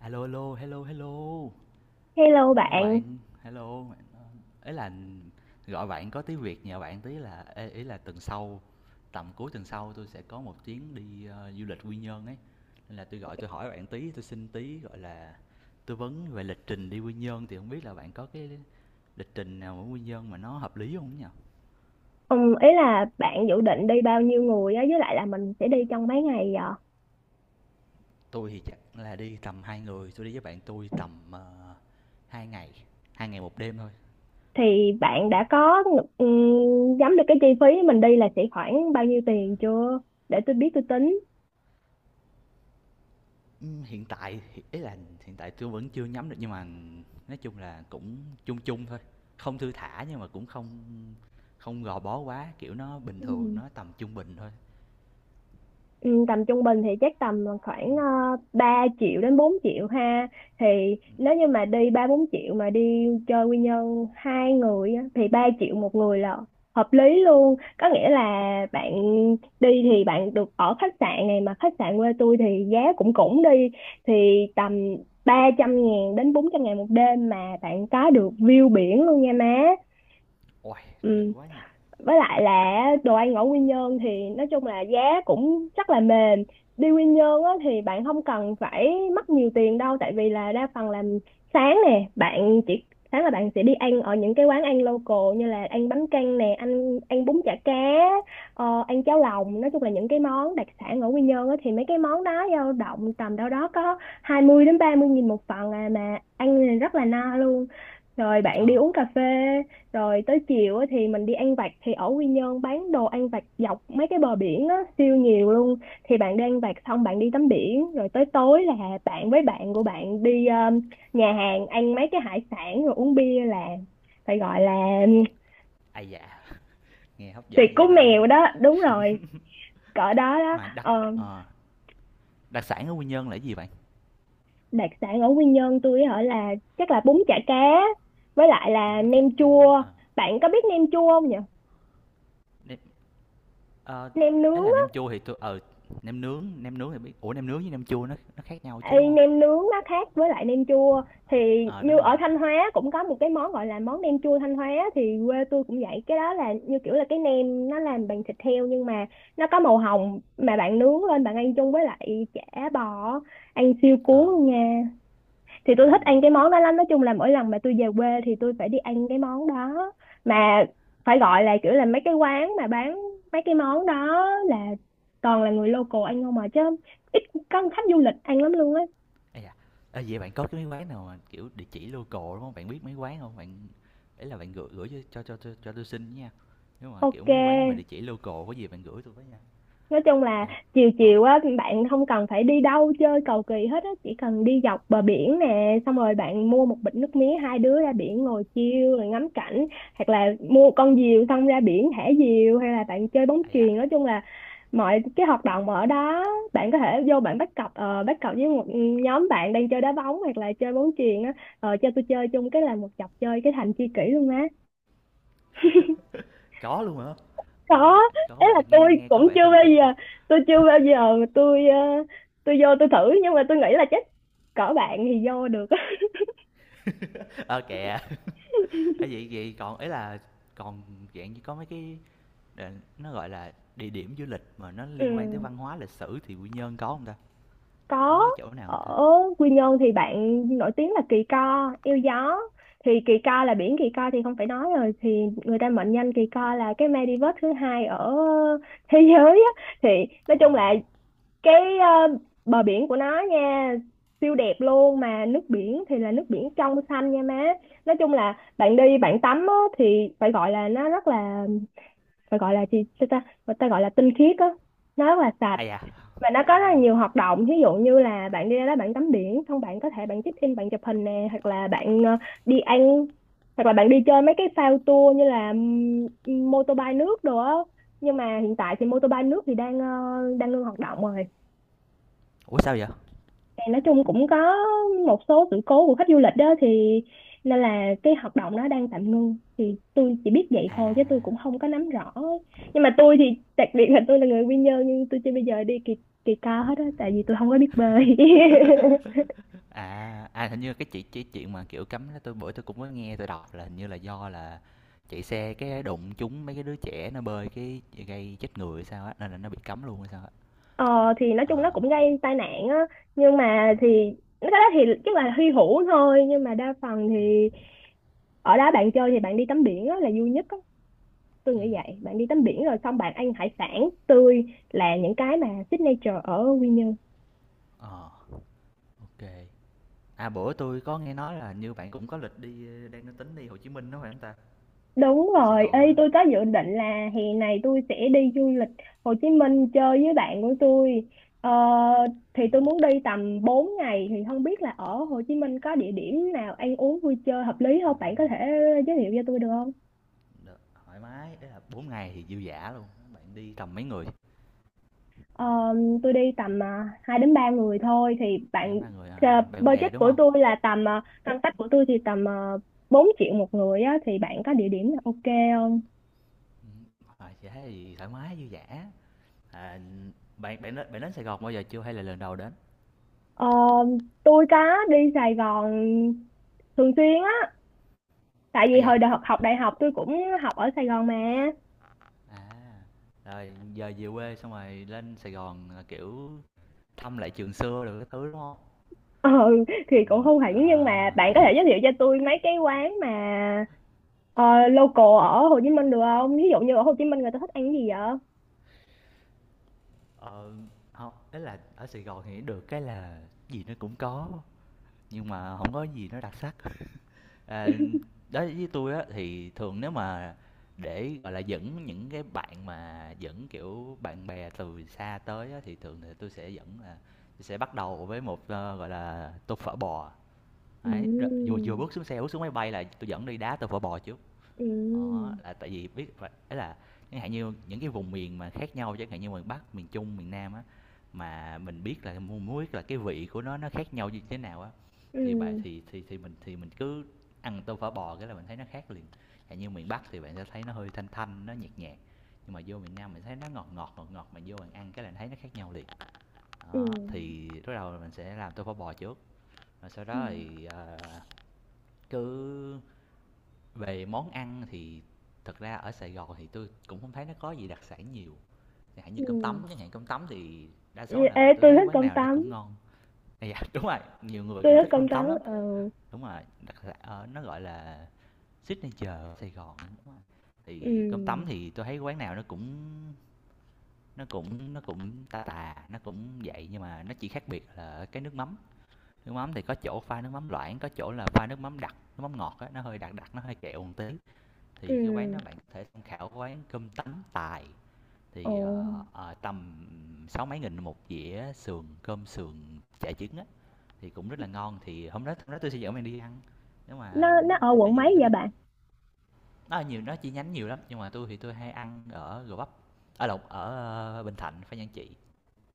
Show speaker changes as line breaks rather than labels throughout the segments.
A lô, hello, hello,
Hello
hello
bạn.
bạn, hello. Ấy là gọi bạn có tí việc nhờ bạn tí là ê, ý là tuần sau, tầm cuối tuần sau tôi sẽ có một chuyến đi du lịch Quy Nhơn ấy. Nên là tôi gọi tôi hỏi bạn tí, tôi xin tí gọi là tư vấn về lịch trình đi Quy Nhơn thì không biết là bạn có cái lịch trình nào ở Quy Nhơn mà nó hợp lý không nhỉ?
Ý là bạn dự định đi bao nhiêu người á, với lại là mình sẽ đi trong mấy ngày vậy?
Tôi thì chắc là đi tầm hai người, tôi đi với bạn tôi tầm 2 ngày, 2 ngày 1 đêm thôi.
Thì bạn đã có nhắm được cái chi phí mình đi là sẽ khoảng bao nhiêu tiền chưa? Để tôi biết tôi tính.
Hiện tại ý là hiện tại tôi vẫn chưa nhắm được nhưng mà nói chung là cũng chung chung thôi, không thư thả nhưng mà cũng không không gò bó quá, kiểu, nó bình
Ừ.
thường, nó tầm trung bình thôi.
Ừ, tầm trung bình thì chắc tầm khoảng 3 triệu đến 4 triệu ha. Thì nếu như mà đi 3 4 triệu mà đi chơi Quy Nhơn 2 người á, thì 3 triệu một người là hợp lý luôn, có nghĩa là bạn đi thì bạn được ở khách sạn, này mà khách sạn quê tôi thì giá cũng cũng đi thì tầm 300.000 đến 400.000 một đêm mà bạn có được view biển luôn nha má.
Uầy, được
Ừ,
quá nhỉ!
với lại là đồ ăn ở Quy Nhơn thì nói chung là giá cũng rất là mềm. Đi Quy Nhơn á, thì bạn không cần phải mất nhiều tiền đâu, tại vì là đa phần làm sáng nè, bạn chỉ sáng là bạn sẽ đi ăn ở những cái quán ăn local, như là ăn bánh căn nè, ăn ăn bún chả cá, ăn cháo lòng. Nói chung là những cái món đặc sản ở Quy Nhơn á, thì mấy cái món đó dao động tầm đâu đó có 20 đến 30 nghìn một phần à, mà ăn thì rất là no luôn. Rồi bạn đi
Ờ,
uống cà phê, rồi tới chiều á thì mình đi ăn vặt. Thì ở Quy Nhơn bán đồ ăn vặt dọc mấy cái bờ biển á siêu nhiều luôn, thì bạn đi ăn vặt xong bạn đi tắm biển, rồi tới tối là bạn với bạn của bạn đi nhà hàng ăn mấy cái hải sản rồi uống bia, là phải gọi là
ai dạ nghe hấp
tiệc
dẫn
của
vậy ta?
mèo đó, đúng rồi, cỡ đó đó.
Mà
Ờ,
ờ, đặc sản ở Quy Nhơn là cái gì bạn?
Đặc sản ở Quy Nhơn tôi ở là chắc là bún chả cá với lại là
Bún chả
nem
cá,
chua.
ờ,
Bạn có biết nem chua không nhỉ?
nem ờ,
Nem
ý
nướng.
là nem chua thì tôi ừ, nem nướng thì biết, ủa nem nướng với nem chua nó khác nhau chứ, đúng
Ê,
không?
nem nướng nó khác với lại nem chua, thì
Ờ,
như
đúng rồi,
ở Thanh Hóa cũng có một cái món gọi là món nem chua Thanh Hóa, thì quê tôi cũng vậy. Cái đó là như kiểu là cái nem nó làm bằng thịt heo nhưng mà nó có màu hồng, mà bạn nướng lên bạn ăn chung với lại chả bò, ăn siêu
ờ,
cuốn luôn nha. Thì tôi thích
ừm.
ăn cái món đó lắm, nói chung là mỗi lần mà tôi về quê thì tôi phải đi ăn cái món đó, mà phải gọi là kiểu là mấy cái quán mà bán mấy cái món đó là toàn là người local ăn không mà chứ, ít có khách du lịch ăn lắm luôn á.
À da, ơ, vậy bạn có cái mấy quán nào mà, kiểu, địa chỉ local, đúng không? Bạn biết mấy quán không bạn? Ấy là bạn gửi gửi cho tui xin nha, nếu mà, kiểu,
Ok,
mấy quán mà địa chỉ local có gì bạn gửi tôi với nha.
nói chung là
Ô.
chiều
Còn
chiều á bạn không cần phải đi đâu chơi cầu kỳ hết á, chỉ cần đi dọc bờ biển nè, xong rồi bạn mua một bịch nước mía hai đứa ra biển ngồi chiêu rồi ngắm cảnh, hoặc là mua con diều xong ra biển thả diều, hay là bạn chơi bóng
à da,
chuyền. Nói chung là mọi cái hoạt động ở đó bạn có thể vô, bạn bắt cặp với một nhóm bạn đang chơi đá bóng hoặc là chơi bóng chuyền á, cho tôi chơi chung cái là một chọc chơi cái thành tri kỷ luôn má.
có luôn hả?
Có,
Có
ấy là
vẻ nghe nghe có vẻ thân thiện.
tôi chưa bao giờ mà tôi vô tôi thử, nhưng mà tôi nghĩ là chắc cỡ bạn thì vô được á.
Ờ, kìa, ơ, vậy vậy còn ấy là còn dạng như có mấy cái đền nó, gọi là, địa điểm du lịch mà nó
Ừ,
liên quan tới văn hóa, lịch sử thì Quy Nhơn có không ta?
có.
Có cái chỗ nào không ta?
Ở Quy Nhơn thì bạn nổi tiếng là Kỳ Co Yêu Gió. Thì Kỳ Co là biển Kỳ Co thì không phải nói rồi, thì người ta mệnh danh Kỳ Co là cái Maldives thứ hai ở thế giới á. Thì nói
Ồ,
chung là cái bờ biển của nó nha siêu đẹp luôn, mà nước biển thì là nước biển trong xanh nha má. Nói chung là bạn đi bạn tắm á, thì phải gọi là nó rất là, phải gọi là gì sao ta, người ta gọi là tinh khiết á, nó rất là sạch.
à da,
Và nó có rất
ờ,
là nhiều hoạt động, ví dụ như là bạn đi ra đó bạn tắm biển xong bạn có thể bạn check in bạn chụp hình nè, hoặc là bạn đi ăn, hoặc là bạn đi chơi mấy cái phao tour như là mô tô bay nước đồ á. Nhưng mà hiện tại thì mô tô bay nước thì đang ngưng hoạt động rồi.
ủa, sao vậy?
Thì nói chung cũng có một số sự cố của khách du lịch đó, thì nên là cái hoạt động nó đang tạm ngưng, thì tôi chỉ biết vậy
À.
thôi chứ tôi cũng không có nắm rõ. Nhưng mà tôi thì, đặc biệt là tôi là người Quy Nhơn nhưng tôi chưa bao giờ đi kỳ kỳ Cao hết á, tại vì tôi không có biết bơi.
À, à, hình như cái chị cái chuyện mà, kiểu, cấm đó tôi bữa tôi cũng có nghe tôi đọc là hình như là do là chạy xe cái đụng trúng mấy cái đứa trẻ nó bơi cái gây chết người hay sao á, nên là nó bị cấm luôn hay sao á.
Ờ thì nói chung nó
Ờ.
cũng gây tai nạn á, nhưng mà thì cái đó thì chắc là hy hữu thôi. Nhưng mà đa phần thì
Ừ.
ở đó bạn chơi thì bạn đi tắm biển á là vui nhất á, tôi nghĩ
Ừm,
vậy. Bạn đi tắm biển rồi xong bạn ăn hải sản tươi, là những cái mà signature ở Quy Nhơn.
ờ, ok. À, bữa tôi có nghe nói là hình như bạn cũng có lịch đi, đang tính đi Hồ Chí Minh đó phải không ta?
Đúng
Đi Sài
rồi, ê
Gòn phải không?
tôi có dự định là hè này tôi sẽ đi du lịch Hồ Chí Minh chơi với bạn của tôi. ờ, thì tôi muốn đi tầm 4 ngày, thì không biết là ở Hồ Chí Minh có địa điểm nào ăn uống vui chơi hợp lý không, bạn có thể giới thiệu cho tôi được không?
Được, thoải mái, đấy là 4 ngày thì dư dả luôn, bạn đi tầm mấy người?
Ờ, tôi đi tầm 2 đến 3 người thôi. Thì
Hai
bạn,
3 người,
ờ,
à, bạn bè,
budget
đúng
của
không?
tôi là tầm, ngân sách của tôi thì tầm uh, 4 triệu một người á, thì bạn có địa điểm nào ok không?
Ừm, ờ, thế thì thoải mái dư dả. À, bạn bạn đến Sài Gòn bao giờ chưa hay là lần đầu đến?
Ờ, tôi có đi Sài Gòn thường xuyên á, tại
À
vì
dạ.
hồi đại học học đại học tôi cũng học ở Sài Gòn mà.
À, rồi giờ về quê xong rồi lên Sài Gòn là, kiểu, thăm lại trường xưa đồ cái thứ, đúng không?
Ừ thì cũng không hẳn, nhưng mà
À,
bạn có thể giới thiệu cho tôi mấy cái quán mà ờ, local ở Hồ Chí Minh được không? Ví dụ như ở Hồ Chí Minh người ta thích ăn cái gì vậy?
ờ, hông, ý là ở Sài Gòn thì được cái là gì nó cũng có, nhưng mà không có gì nó đặc sắc. À, đối với tôi á thì thường nếu mà để, gọi là, dẫn những cái bạn mà dẫn, kiểu, bạn bè từ xa tới á thì thường thì tôi sẽ dẫn là tui sẽ bắt đầu với một, ơ, gọi là, tô phở bò.
Ừ.
Ấy, đ vừa vừa bước xuống xe, bước xuống máy bay là tôi dẫn đi đá tô phở bò trước.
Ừ.
Đó, là tại vì biết phải ấy là chẳng hạn như những cái vùng miền mà khác nhau, chẳng hạn như miền Bắc, miền Trung, miền Nam á, mà mình biết là mu muốn biết là cái vị của nó khác nhau như thế nào á, thì bà
Ừ.
thì mình cứ ăn tô phở bò cái là mình thấy nó khác liền. Chẳng như miền Bắc thì bạn sẽ thấy nó hơi thanh thanh, nó nhạt nhạt, nhưng mà vô miền Nam mình thấy nó ngọt ngọt, ngọt ngọt, mà vô bạn ăn cái là thấy nó khác nhau liền.
Ừ.
Đó, thì lúc đầu là mình sẽ làm tô phở bò trước, rồi sau
Ừ.
đó thì, ờ, cứ về món ăn thì thật ra ở Sài Gòn thì tôi cũng không thấy nó có gì đặc sản nhiều, chẳng hạn như
Ừ.
cơm tấm chẳng hạn, cơm tấm thì đa
Ừ,
số là
ê
tôi
tôi
thấy
thích
quán
cơm
nào nó
tấm,
cũng ngon. À, dạ, đúng rồi, nhiều người
tôi
cũng
thích
thích
cơm
cơm
tấm.
tấm lắm,
Ừ.
đúng rồi, đặc sản ờ, nó, gọi là, signature ở Sài Gòn, đúng rồi. Thì cơm
Ừ.
tấm thì tôi thấy quán nào nó cũng tà tà, nó cũng vậy, nhưng mà nó chỉ khác biệt là ở cái nước mắm. Nước mắm thì có chỗ pha nước mắm loãng, có chỗ là pha nước mắm đặc, nước mắm ngọt á, nó hơi đặc đặc, nó hơi kẹo một tí thì cái quán đó
Ừ.
bạn có thể tham khảo quán cơm tấm tài
Ồ,
thì tầm sáu mấy nghìn một dĩa sườn cơm sườn chả trứng á thì cũng rất là ngon thì hôm đó tôi sẽ dẫn bạn đi ăn
nó
nếu mà
ở
à, cái
quận
gì bạn
mấy
cứ
vậy
nhắn.
bạn?
Nó nhiều nó chi nhánh nhiều lắm nhưng mà tôi thì tôi hay ăn ở Gò Vấp, ở Lộc, ở ờ, Bình Thạnh, Phan Giang trị,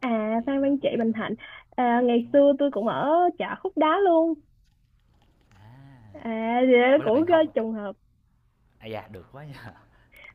À,
thì
Phan
nó
Văn
có
Trị
một cái
Bình
cơm tấm
Thạnh. À, ngày
đúng rồi.
xưa tôi cũng ở chợ Khúc Đá luôn.
À
À thì đó
ủa là
cũng
bạn
có
học,
trùng hợp.
à dạ được quá nha,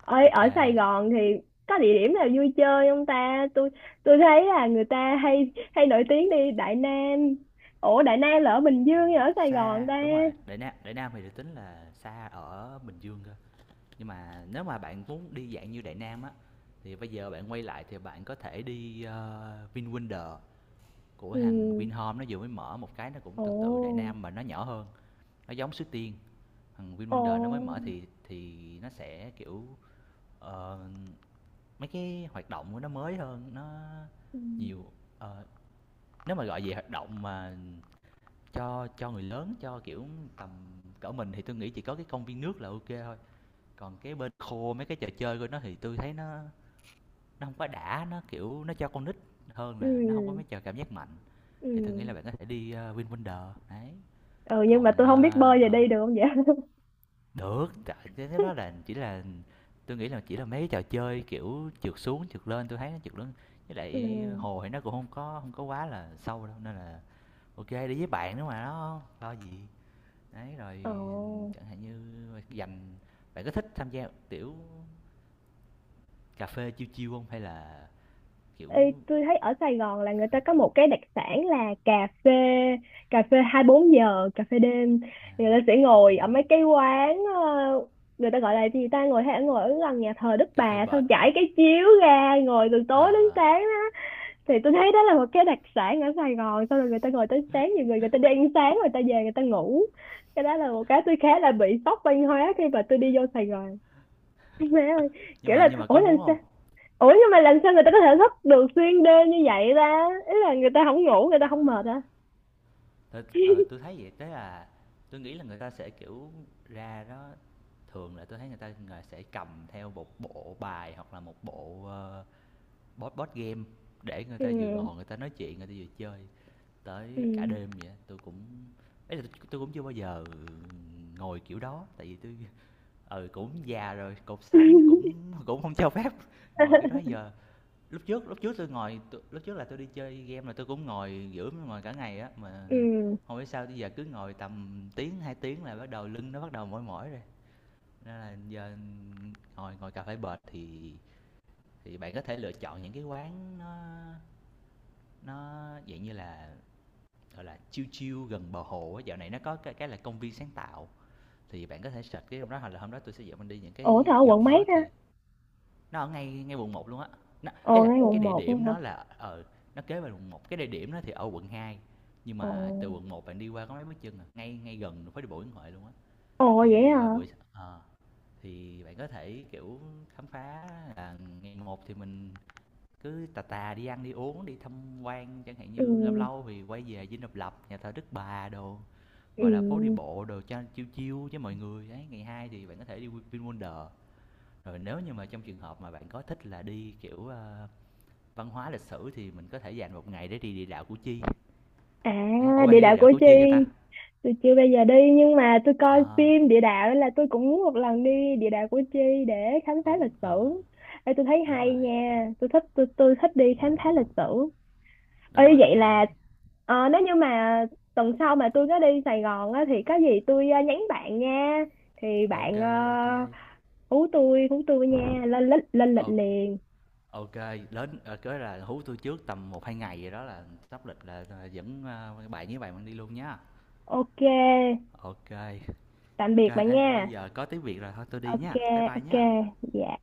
ở
ok.
ở Sài Gòn thì có địa điểm nào vui chơi không ta? Tôi thấy là người ta hay hay nổi tiếng đi Đại Nam. Ủa Đại Nam là ở Bình Dương hay ở Sài Gòn
Xa
ta?
đúng rồi, Đại Nam, Đại Nam thì được tính là xa, ở Bình Dương cơ, nhưng mà nếu mà bạn muốn đi dạng như Đại Nam á thì bây giờ bạn quay lại thì bạn có thể đi VinWonder của
Ừ.
thằng Vinhome, nó vừa mới mở một cái, nó cũng
Ồ.
tương tự Đại Nam mà nó nhỏ hơn, nó giống Suối Tiên. Thằng VinWonder nó mới
Ồ.
mở thì nó sẽ kiểu, ờ, mấy cái hoạt động của nó mới hơn nó
Ừ.
nhiều. Ờ, nếu mà gọi về hoạt động mà cho người lớn cho kiểu tầm cỡ mình thì tôi nghĩ chỉ có cái công viên nước là ok thôi, còn cái bên khô mấy cái trò chơi của nó thì tôi thấy nó không có đã, nó, kiểu, nó cho con nít hơn,
Ừ.
là nó không có mấy trò cảm giác mạnh,
Ừ.
thì tôi nghĩ là bạn có thể đi, ơ, VinWonders, đấy.
Ừ nhưng mà
Còn,
tôi không biết
ơ,
bơi, giờ
ờ,
đi được không vậy?
được, cái đó là chỉ là tôi nghĩ là chỉ là mấy trò chơi, kiểu, trượt xuống, trượt lên, tôi thấy nó trượt lên với
Ừ.
lại hồ thì nó cũng không có quá là sâu đâu, nên là ok đi với bạn nữa mà, nó. Lo gì. Đấy, rồi
Ồ.
chẳng hạn như dành bạn có thích tham gia, kiểu, cà phê chill chill không hay là, kiểu,
Ê, tôi thấy ở Sài Gòn là người ta có một cái đặc sản là cà phê, cà phê 24 giờ, cà phê đêm. Người ta sẽ
cà
ngồi
phê
ở
đêm,
mấy cái quán, người ta gọi là gì ta, ngồi hay ngồi ở gần nhà thờ Đức
cà phê
Bà
bệt?
xong trải cái chiếu ra ngồi từ tối đến
Ờ,
sáng. Thì tôi thấy đó là một cái đặc sản ở Sài Gòn. Xong rồi người ta ngồi tới sáng, nhiều người người ta đi ăn sáng người ta về người ta ngủ. Cái đó là một cái tôi khá là bị sốc văn hóa khi mà tôi đi vô Sài Gòn. Má ơi,
nhưng
kiểu
mà
là
nhưng mà
ủa
có
làm
muốn
sao,
không?
ủa nhưng mà làm sao người ta có thể thức được xuyên đêm như vậy ta, ý là người ta không ngủ người ta
Ờ,
không mệt hả?
tui thấy vậy, tức là tôi nghĩ là người ta sẽ, kiểu, ra đó thường là tôi thấy người ta người sẽ cầm theo một bộ bài hoặc là một bộ, ơ, board board game để người
Ừ.
ta vừa ngồi người ta nói chuyện, người ta vừa chơi
Ừ.
tới cả đêm vậy á. Tui cũng ý là tui cũng chưa bao giờ ngồi kiểu đó, tại vì tôi ừ, cũng già rồi, cột sống cũng cũng không cho phép ngồi kiểu đó giờ. Lúc trước tôi ngồi t- lúc trước là tôi đi chơi game là tôi cũng ngồi giữa ngồi cả ngày á mà
Ừ.
không biết sao bây giờ cứ ngồi tầm tiếng 2 tiếng là bắt đầu lưng nó bắt đầu mỏi mỏi rồi, nên là giờ ngồi ngồi cà phê bệt thì bạn có thể lựa chọn những cái quán nó dạng như là gọi là chill chill gần bờ hồ á, dạo này nó có cái là công viên sáng tạo thì bạn có thể search cái hôm đó hoặc là hôm đó tôi sẽ dẫn mình đi những
Ủa
cái
tao ở
gần
quận mấy
đó
ta?
thì. Nó ở ngay ngay quận một luôn á. Ấy
Ồ
là
ngay
cái
quận
địa
một
điểm
luôn hả?
nó là ờ, nó kế bên quận một, cái địa điểm nó thì ở quận 2 nhưng
Ồ.
mà từ quận một bạn đi qua có mấy bước chân à, ngay ngay gần đường phố đi bộ Nguyễn Huệ luôn á.
Ồ vậy
Thì,
hả?
ờ, thì bạn có thể, kiểu, khám phá là ngày một thì mình cứ tà tà đi ăn đi uống, đi tham quan, chẳng hạn
Ừ.
như lâu lâu thì quay về Dinh Độc Lập, nhà thờ Đức Bà đồ,
Ừ.
gọi là, phố đi bộ đồ cho chiêu chiêu với mọi người. Ấy ngày hai thì bạn có thể đi Vin, rồi nếu như mà trong trường hợp mà bạn có thích là đi, kiểu, ơ, văn hóa lịch sử thì mình có thể dành một ngày để đi địa đạo Củ Chi.
À,
Đấy, ủa, bạn
địa
đi
đạo
địa
Củ
đạo Củ
Chi
Chi cho ta?
tôi chưa bây giờ đi, nhưng mà tôi coi
Ờ,
phim địa đạo nên là tôi cũng muốn một lần đi địa đạo Củ Chi để khám phá lịch sử.
ờ,
Ê, tôi thấy
đúng
hay
rồi,
nha, tôi thích, tôi thích đi khám phá lịch sử. Ê,
đúng rồi,
vậy
đấy.
là nếu như mà tuần sau mà tôi có đi Sài Gòn á, thì có gì tôi nhắn bạn nha. Thì
Ok,
bạn,
ok, ô kê,
hú tôi nha, lên lịch liền.
đến ờ, cái là hú tôi trước tầm một hai ngày gì đó là sắp lịch là, à, dẫn, a, bạn với bạn mình đi luôn nhá.
Ok,
Ok, ok,
tạm biệt bạn
ê, thôi
nha.
giờ có tiếng Việt rồi, thôi tôi đi
Ok.
nhá, bye bye
Ok.
nhá.
Dạ.